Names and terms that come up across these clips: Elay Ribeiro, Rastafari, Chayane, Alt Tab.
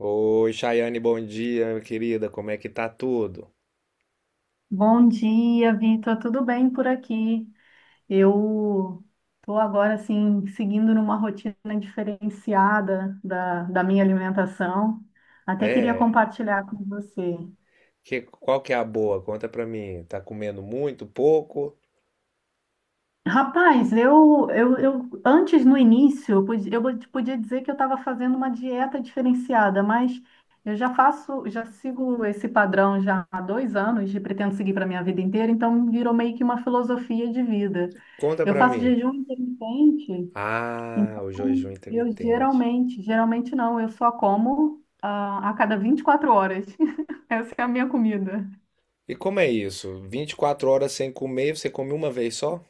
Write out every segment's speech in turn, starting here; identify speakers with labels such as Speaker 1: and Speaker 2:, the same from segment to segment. Speaker 1: Oi, Chayane, bom dia, minha querida. Como é que tá tudo?
Speaker 2: Bom dia, Vitor. Tudo bem por aqui? Eu estou agora assim seguindo numa rotina diferenciada da minha alimentação. Até queria
Speaker 1: É,
Speaker 2: compartilhar com você.
Speaker 1: qual que é a boa? Conta pra mim. Tá comendo muito, pouco?
Speaker 2: Rapaz, eu antes no início eu podia dizer que eu estava fazendo uma dieta diferenciada, mas eu já faço, já sigo esse padrão já há 2 anos e pretendo seguir para minha vida inteira, então virou meio que uma filosofia de vida.
Speaker 1: Conta
Speaker 2: Eu
Speaker 1: pra
Speaker 2: faço
Speaker 1: mim.
Speaker 2: jejum intermitente.
Speaker 1: Ah,
Speaker 2: Então,
Speaker 1: o jejum
Speaker 2: eu
Speaker 1: intermitente.
Speaker 2: geralmente, geralmente não, eu só como a cada 24 horas. Essa é a minha comida.
Speaker 1: E como é isso? 24 horas sem comer, você come uma vez só?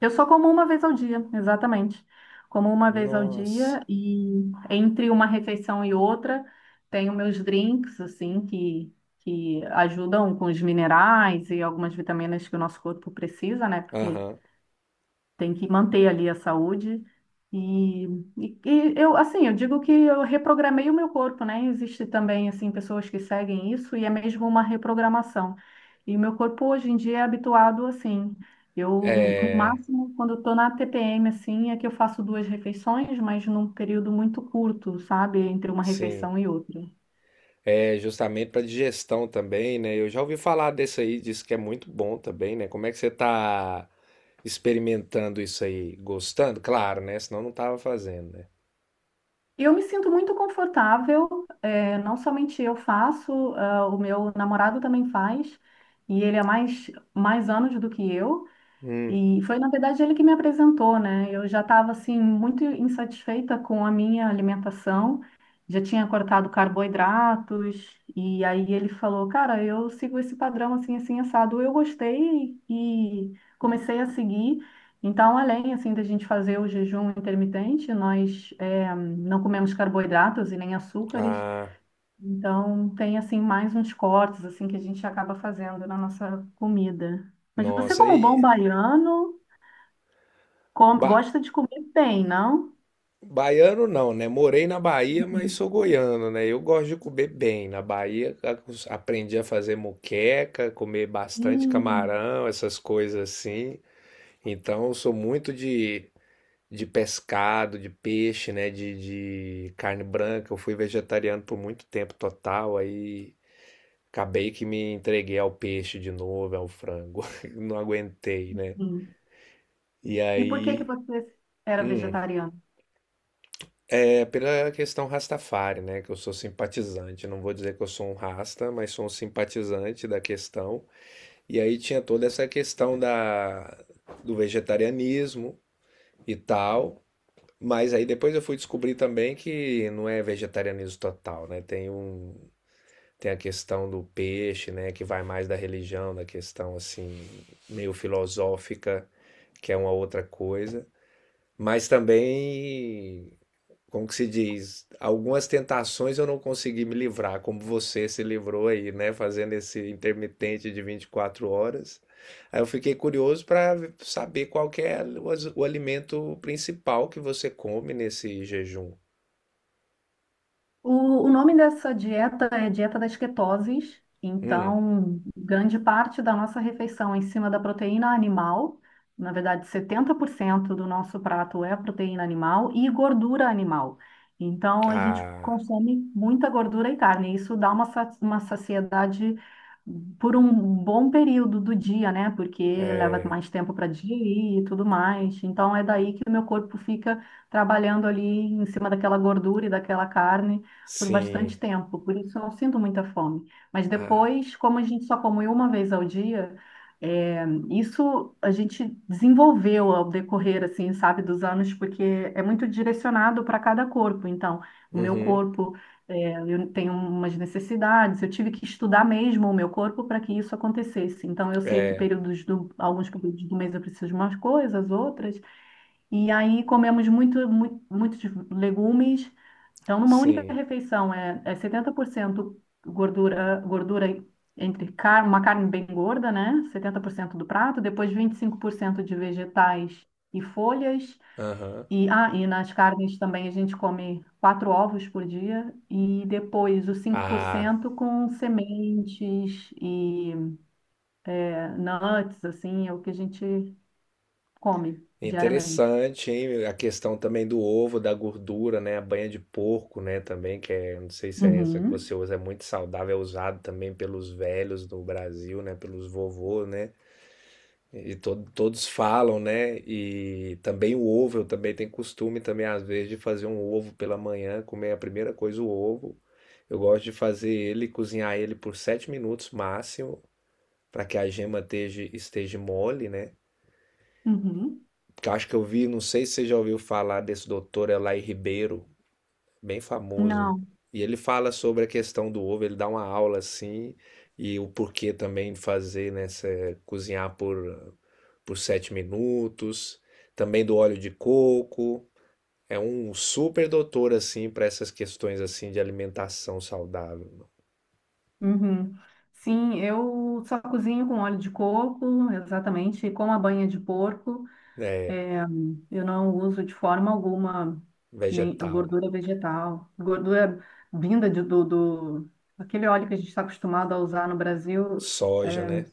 Speaker 2: Eu só como uma vez ao dia, exatamente. Como uma vez ao
Speaker 1: Nossa.
Speaker 2: dia e entre uma refeição e outra, tenho meus drinks, assim, que ajudam com os minerais e algumas vitaminas que o nosso corpo precisa, né? Porque
Speaker 1: Aham.
Speaker 2: tem que manter ali a saúde. E, e eu, assim, eu digo que eu reprogramei o meu corpo, né? Existe também, assim, pessoas que seguem isso e é mesmo uma reprogramação. E o meu corpo hoje em dia é habituado assim. Eu,
Speaker 1: É,
Speaker 2: o máximo, quando eu tô na TPM, assim, é que eu faço duas refeições, mas num período muito curto, sabe? Entre uma
Speaker 1: sim.
Speaker 2: refeição e outra.
Speaker 1: É justamente pra digestão também, né? Eu já ouvi falar desse aí, diz que é muito bom também, né? Como é que você tá experimentando isso aí? Gostando? Claro, né? Senão não tava fazendo, né?
Speaker 2: Eu me sinto muito confortável, não somente eu faço, o meu namorado também faz, e ele é mais anos do que eu.
Speaker 1: Hum,
Speaker 2: E foi, na verdade, ele que me apresentou, né? Eu já estava, assim, muito insatisfeita com a minha alimentação, já tinha cortado carboidratos, e aí ele falou, cara, eu sigo esse padrão, assim, assim, assado. Eu gostei e comecei a seguir. Então, além, assim, da gente fazer o jejum intermitente, nós não comemos carboidratos e nem açúcares.
Speaker 1: ah,
Speaker 2: Então, tem, assim, mais uns cortes, assim, que a gente acaba fazendo na nossa comida. Mas você,
Speaker 1: nossa,
Speaker 2: como
Speaker 1: aí.
Speaker 2: bom baiano...
Speaker 1: Ba
Speaker 2: gosta de comer bem, não?
Speaker 1: baiano não, né? Morei na Bahia, mas sou goiano, né? Eu gosto de comer bem. Na Bahia aprendi a fazer moqueca, comer bastante
Speaker 2: Hum.
Speaker 1: camarão, essas coisas assim. Então eu sou muito de pescado, de peixe, né? De carne branca. Eu fui vegetariano por muito tempo total, aí acabei que me entreguei ao peixe de novo, ao frango. Não aguentei, né? E
Speaker 2: E por que
Speaker 1: aí.
Speaker 2: que você era
Speaker 1: hum,
Speaker 2: vegetariano?
Speaker 1: É pela questão Rastafari, né? Que eu sou simpatizante. Não vou dizer que eu sou um rasta, mas sou um simpatizante da questão. E aí tinha toda essa questão do vegetarianismo e tal. Mas aí depois eu fui descobrir também que não é vegetarianismo total, né? Tem a questão do peixe, né? Que vai mais da religião, da questão assim, meio filosófica, que é uma outra coisa. Mas também como que se diz, algumas tentações eu não consegui me livrar, como você se livrou aí, né, fazendo esse intermitente de 24 horas. Aí eu fiquei curioso para saber qual que é o, o alimento principal que você come nesse jejum.
Speaker 2: O nome dessa dieta é dieta das ketoses.
Speaker 1: Hum,
Speaker 2: Então, grande parte da nossa refeição é em cima da proteína animal. Na verdade, 70% do nosso prato é proteína animal e gordura animal. Então, a gente
Speaker 1: ah,
Speaker 2: consome muita gordura e carne. E isso dá uma saciedade por um bom período do dia, né? Porque leva
Speaker 1: é,
Speaker 2: mais tempo para digerir e tudo mais. Então, é daí que o meu corpo fica trabalhando ali em cima daquela gordura e daquela carne por
Speaker 1: sim,
Speaker 2: bastante tempo, por isso eu não sinto muita fome. Mas
Speaker 1: ah,
Speaker 2: depois, como a gente só come uma vez ao dia, é, isso a gente desenvolveu ao decorrer, assim, sabe, dos anos, porque é muito direcionado para cada corpo. Então, o meu
Speaker 1: uhum,
Speaker 2: corpo, é, eu tenho umas necessidades, eu tive que estudar mesmo o meu corpo para que isso acontecesse. Então, eu sei que
Speaker 1: é,
Speaker 2: períodos do, alguns períodos do mês eu preciso de umas coisas, outras. E aí comemos muito, muito, muitos legumes então, numa única
Speaker 1: sim,
Speaker 2: refeição, é 70% gordura entre car uma carne bem gorda, né? 70% do prato, depois 25% de vegetais e folhas.
Speaker 1: aham,
Speaker 2: E nas carnes também a gente come quatro ovos por dia, e depois os
Speaker 1: ah.
Speaker 2: 5% com sementes e é, nuts, assim, é o que a gente come diariamente.
Speaker 1: Interessante, hein? A questão também do ovo, da gordura, né? A banha de porco, né? Também, que é, não sei se é essa que você
Speaker 2: Uhum,
Speaker 1: usa, é muito saudável, é usado também pelos velhos do Brasil, né? Pelos vovôs, né? E todos falam, né? E também o ovo, eu também tenho costume também, às vezes, de fazer um ovo pela manhã, comer a primeira coisa o ovo. Eu gosto de fazer ele, cozinhar ele por 7 minutos máximo, para que a gema esteja, mole, né?
Speaker 2: uhum.
Speaker 1: Que eu acho que eu vi, não sei se você já ouviu falar desse doutor Elay Ribeiro, bem famoso.
Speaker 2: Não.
Speaker 1: E ele fala sobre a questão do ovo, ele dá uma aula assim, e o porquê também de fazer, né, cozinhar por 7 minutos, também do óleo de coco. É um super doutor assim para essas questões assim de alimentação saudável,
Speaker 2: Uhum. Sim, eu só cozinho com óleo de coco, exatamente, com a banha de porco.
Speaker 1: né,
Speaker 2: É, eu não uso de forma alguma nem
Speaker 1: vegetal,
Speaker 2: gordura vegetal, gordura vinda do aquele óleo que a gente está acostumado a usar no Brasil.
Speaker 1: soja,
Speaker 2: É,
Speaker 1: né?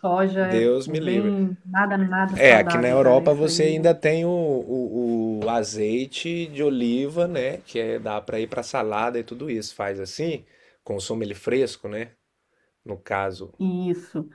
Speaker 2: soja é
Speaker 1: Deus me livre.
Speaker 2: bem nada, nada
Speaker 1: É, aqui na
Speaker 2: saudável, cara.
Speaker 1: Europa
Speaker 2: Isso aí,
Speaker 1: você ainda tem o azeite de oliva, né? Que é, dá para ir para salada e tudo isso. Faz assim, consome ele fresco, né? No caso.
Speaker 2: isso.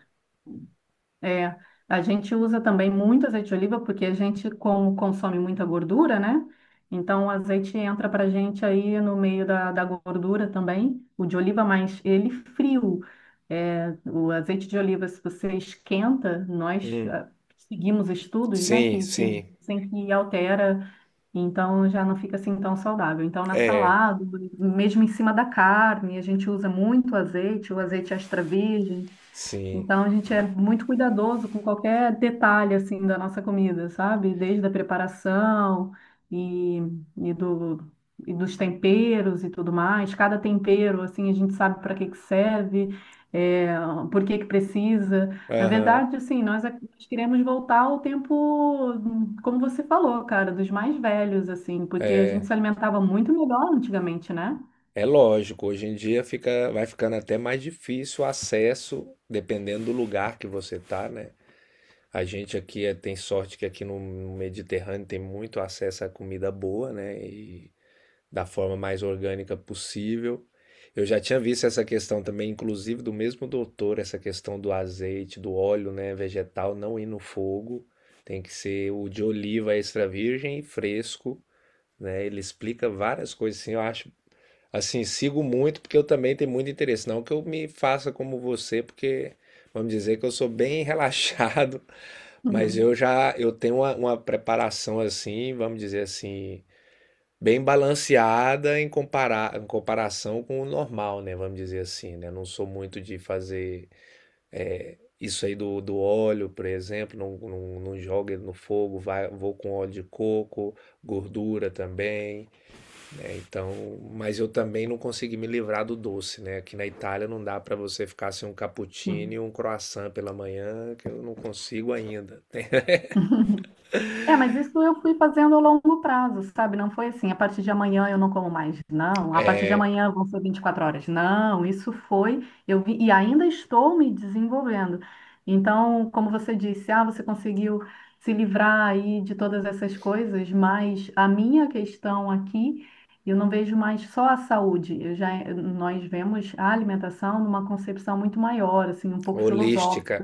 Speaker 2: É, a gente usa também muito azeite de oliva porque a gente, como consome muita gordura, né? Então o azeite entra pra gente aí no meio da gordura também, o de oliva, mas ele frio. É, o azeite de oliva, se você esquenta, nós
Speaker 1: Hum,
Speaker 2: seguimos estudos, né,
Speaker 1: sim,
Speaker 2: que
Speaker 1: sim.
Speaker 2: dizem que altera, então já não fica assim tão saudável. Então na
Speaker 1: É,
Speaker 2: salada, mesmo em cima da carne, a gente usa muito azeite, o azeite extra virgem.
Speaker 1: sim.
Speaker 2: Então a gente é muito cuidadoso com qualquer detalhe assim da nossa comida, sabe? Desde a preparação e, e do e dos temperos e tudo mais. Cada tempero assim a gente sabe para que que serve, é, por que que precisa. Na
Speaker 1: Aham.
Speaker 2: verdade, assim, nós queremos voltar ao tempo, como você falou, cara, dos mais velhos assim, porque a gente se alimentava muito melhor antigamente, né?
Speaker 1: É lógico, hoje em dia fica, vai ficando até mais difícil o acesso, dependendo do lugar que você tá, né? A gente aqui tem sorte que aqui no Mediterrâneo tem muito acesso à comida boa, né? Da forma mais orgânica possível. Eu já tinha visto essa questão também, inclusive do mesmo doutor, essa questão do azeite, do óleo, né, vegetal não ir no fogo, tem que ser o de oliva extra virgem e fresco, né? Ele explica várias coisas assim, eu acho, assim, sigo muito porque eu também tenho muito interesse, não que eu me faça como você, porque vamos dizer que eu sou bem relaxado, mas eu já eu tenho uma preparação assim, vamos dizer assim, bem balanceada em em comparação com o normal, né? Vamos dizer assim, né? Não sou muito de fazer é, isso aí do, óleo, por exemplo, não jogo ele no fogo, vou com óleo de coco, gordura também, né? Então, mas eu também não consegui me livrar do doce, né? Aqui na Itália não dá para você ficar sem um cappuccino
Speaker 2: Uhum.
Speaker 1: e um croissant pela manhã, que eu não consigo ainda. Tem-
Speaker 2: É, mas isso eu fui fazendo a longo prazo, sabe? Não foi assim, a partir de amanhã eu não como mais, não. A partir de amanhã vão ser 24 horas. Não, isso foi, eu vi, e ainda estou me desenvolvendo. Então, como você disse, você conseguiu se livrar aí de todas essas coisas, mas a minha questão aqui, eu não vejo mais só a saúde. Eu já, nós vemos a alimentação numa concepção muito maior, assim, um pouco
Speaker 1: Holística,
Speaker 2: filosófica.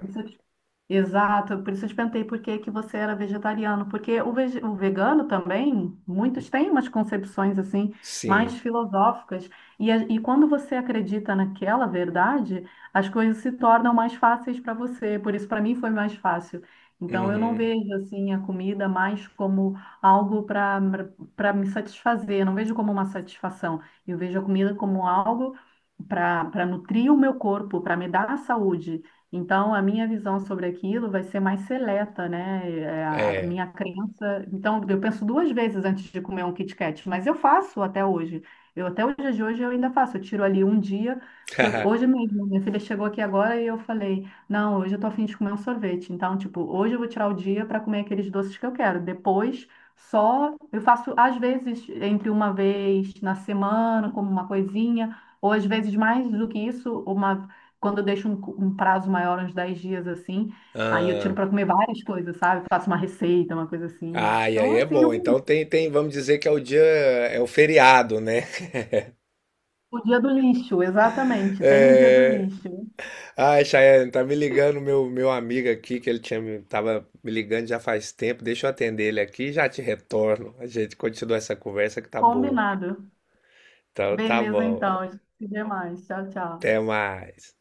Speaker 2: Exato, por isso eu te perguntei por que que você era vegetariano, porque o vegano também, muitos têm umas concepções assim,
Speaker 1: sim.
Speaker 2: mais filosóficas, e quando você acredita naquela verdade, as coisas se tornam mais fáceis para você, por isso para mim foi mais fácil. Então eu não
Speaker 1: Uhum.
Speaker 2: vejo assim a comida mais como algo para me satisfazer, não vejo como uma satisfação, eu vejo a comida como algo para nutrir o meu corpo, para me dar saúde. Então, a minha visão sobre aquilo vai ser mais seleta, né? É, a
Speaker 1: É.
Speaker 2: minha crença. Então, eu penso duas vezes antes de comer um Kit Kat, mas eu faço até hoje. Eu até o dia de hoje eu ainda faço. Eu tiro ali um dia que eu, hoje mesmo, minha filha chegou aqui agora e eu falei: "Não, hoje eu tô afim de comer um sorvete". Então, tipo, hoje eu vou tirar o dia para comer aqueles doces que eu quero. Depois, só eu faço às vezes entre uma vez na semana, como uma coisinha ou às vezes mais do que isso, uma quando eu deixo um prazo maior, uns 10 dias assim, aí eu tiro
Speaker 1: Ah.
Speaker 2: para comer várias coisas, sabe? Faço uma receita, uma coisa assim.
Speaker 1: Ah, e
Speaker 2: Então,
Speaker 1: aí é
Speaker 2: assim,
Speaker 1: bom.
Speaker 2: o,
Speaker 1: Então vamos dizer que é o dia, é o feriado, né?
Speaker 2: o dia do lixo, exatamente. Tem o dia do
Speaker 1: É...
Speaker 2: lixo.
Speaker 1: Ai, Chayane, tá me ligando meu amigo aqui, que ele tinha, tava me ligando já faz tempo. Deixa eu atender ele aqui e já te retorno. A gente continua essa conversa que tá boa.
Speaker 2: Combinado.
Speaker 1: Então tá
Speaker 2: Beleza,
Speaker 1: bom.
Speaker 2: então. A gente se vê mais. Tchau, tchau.
Speaker 1: Até mais.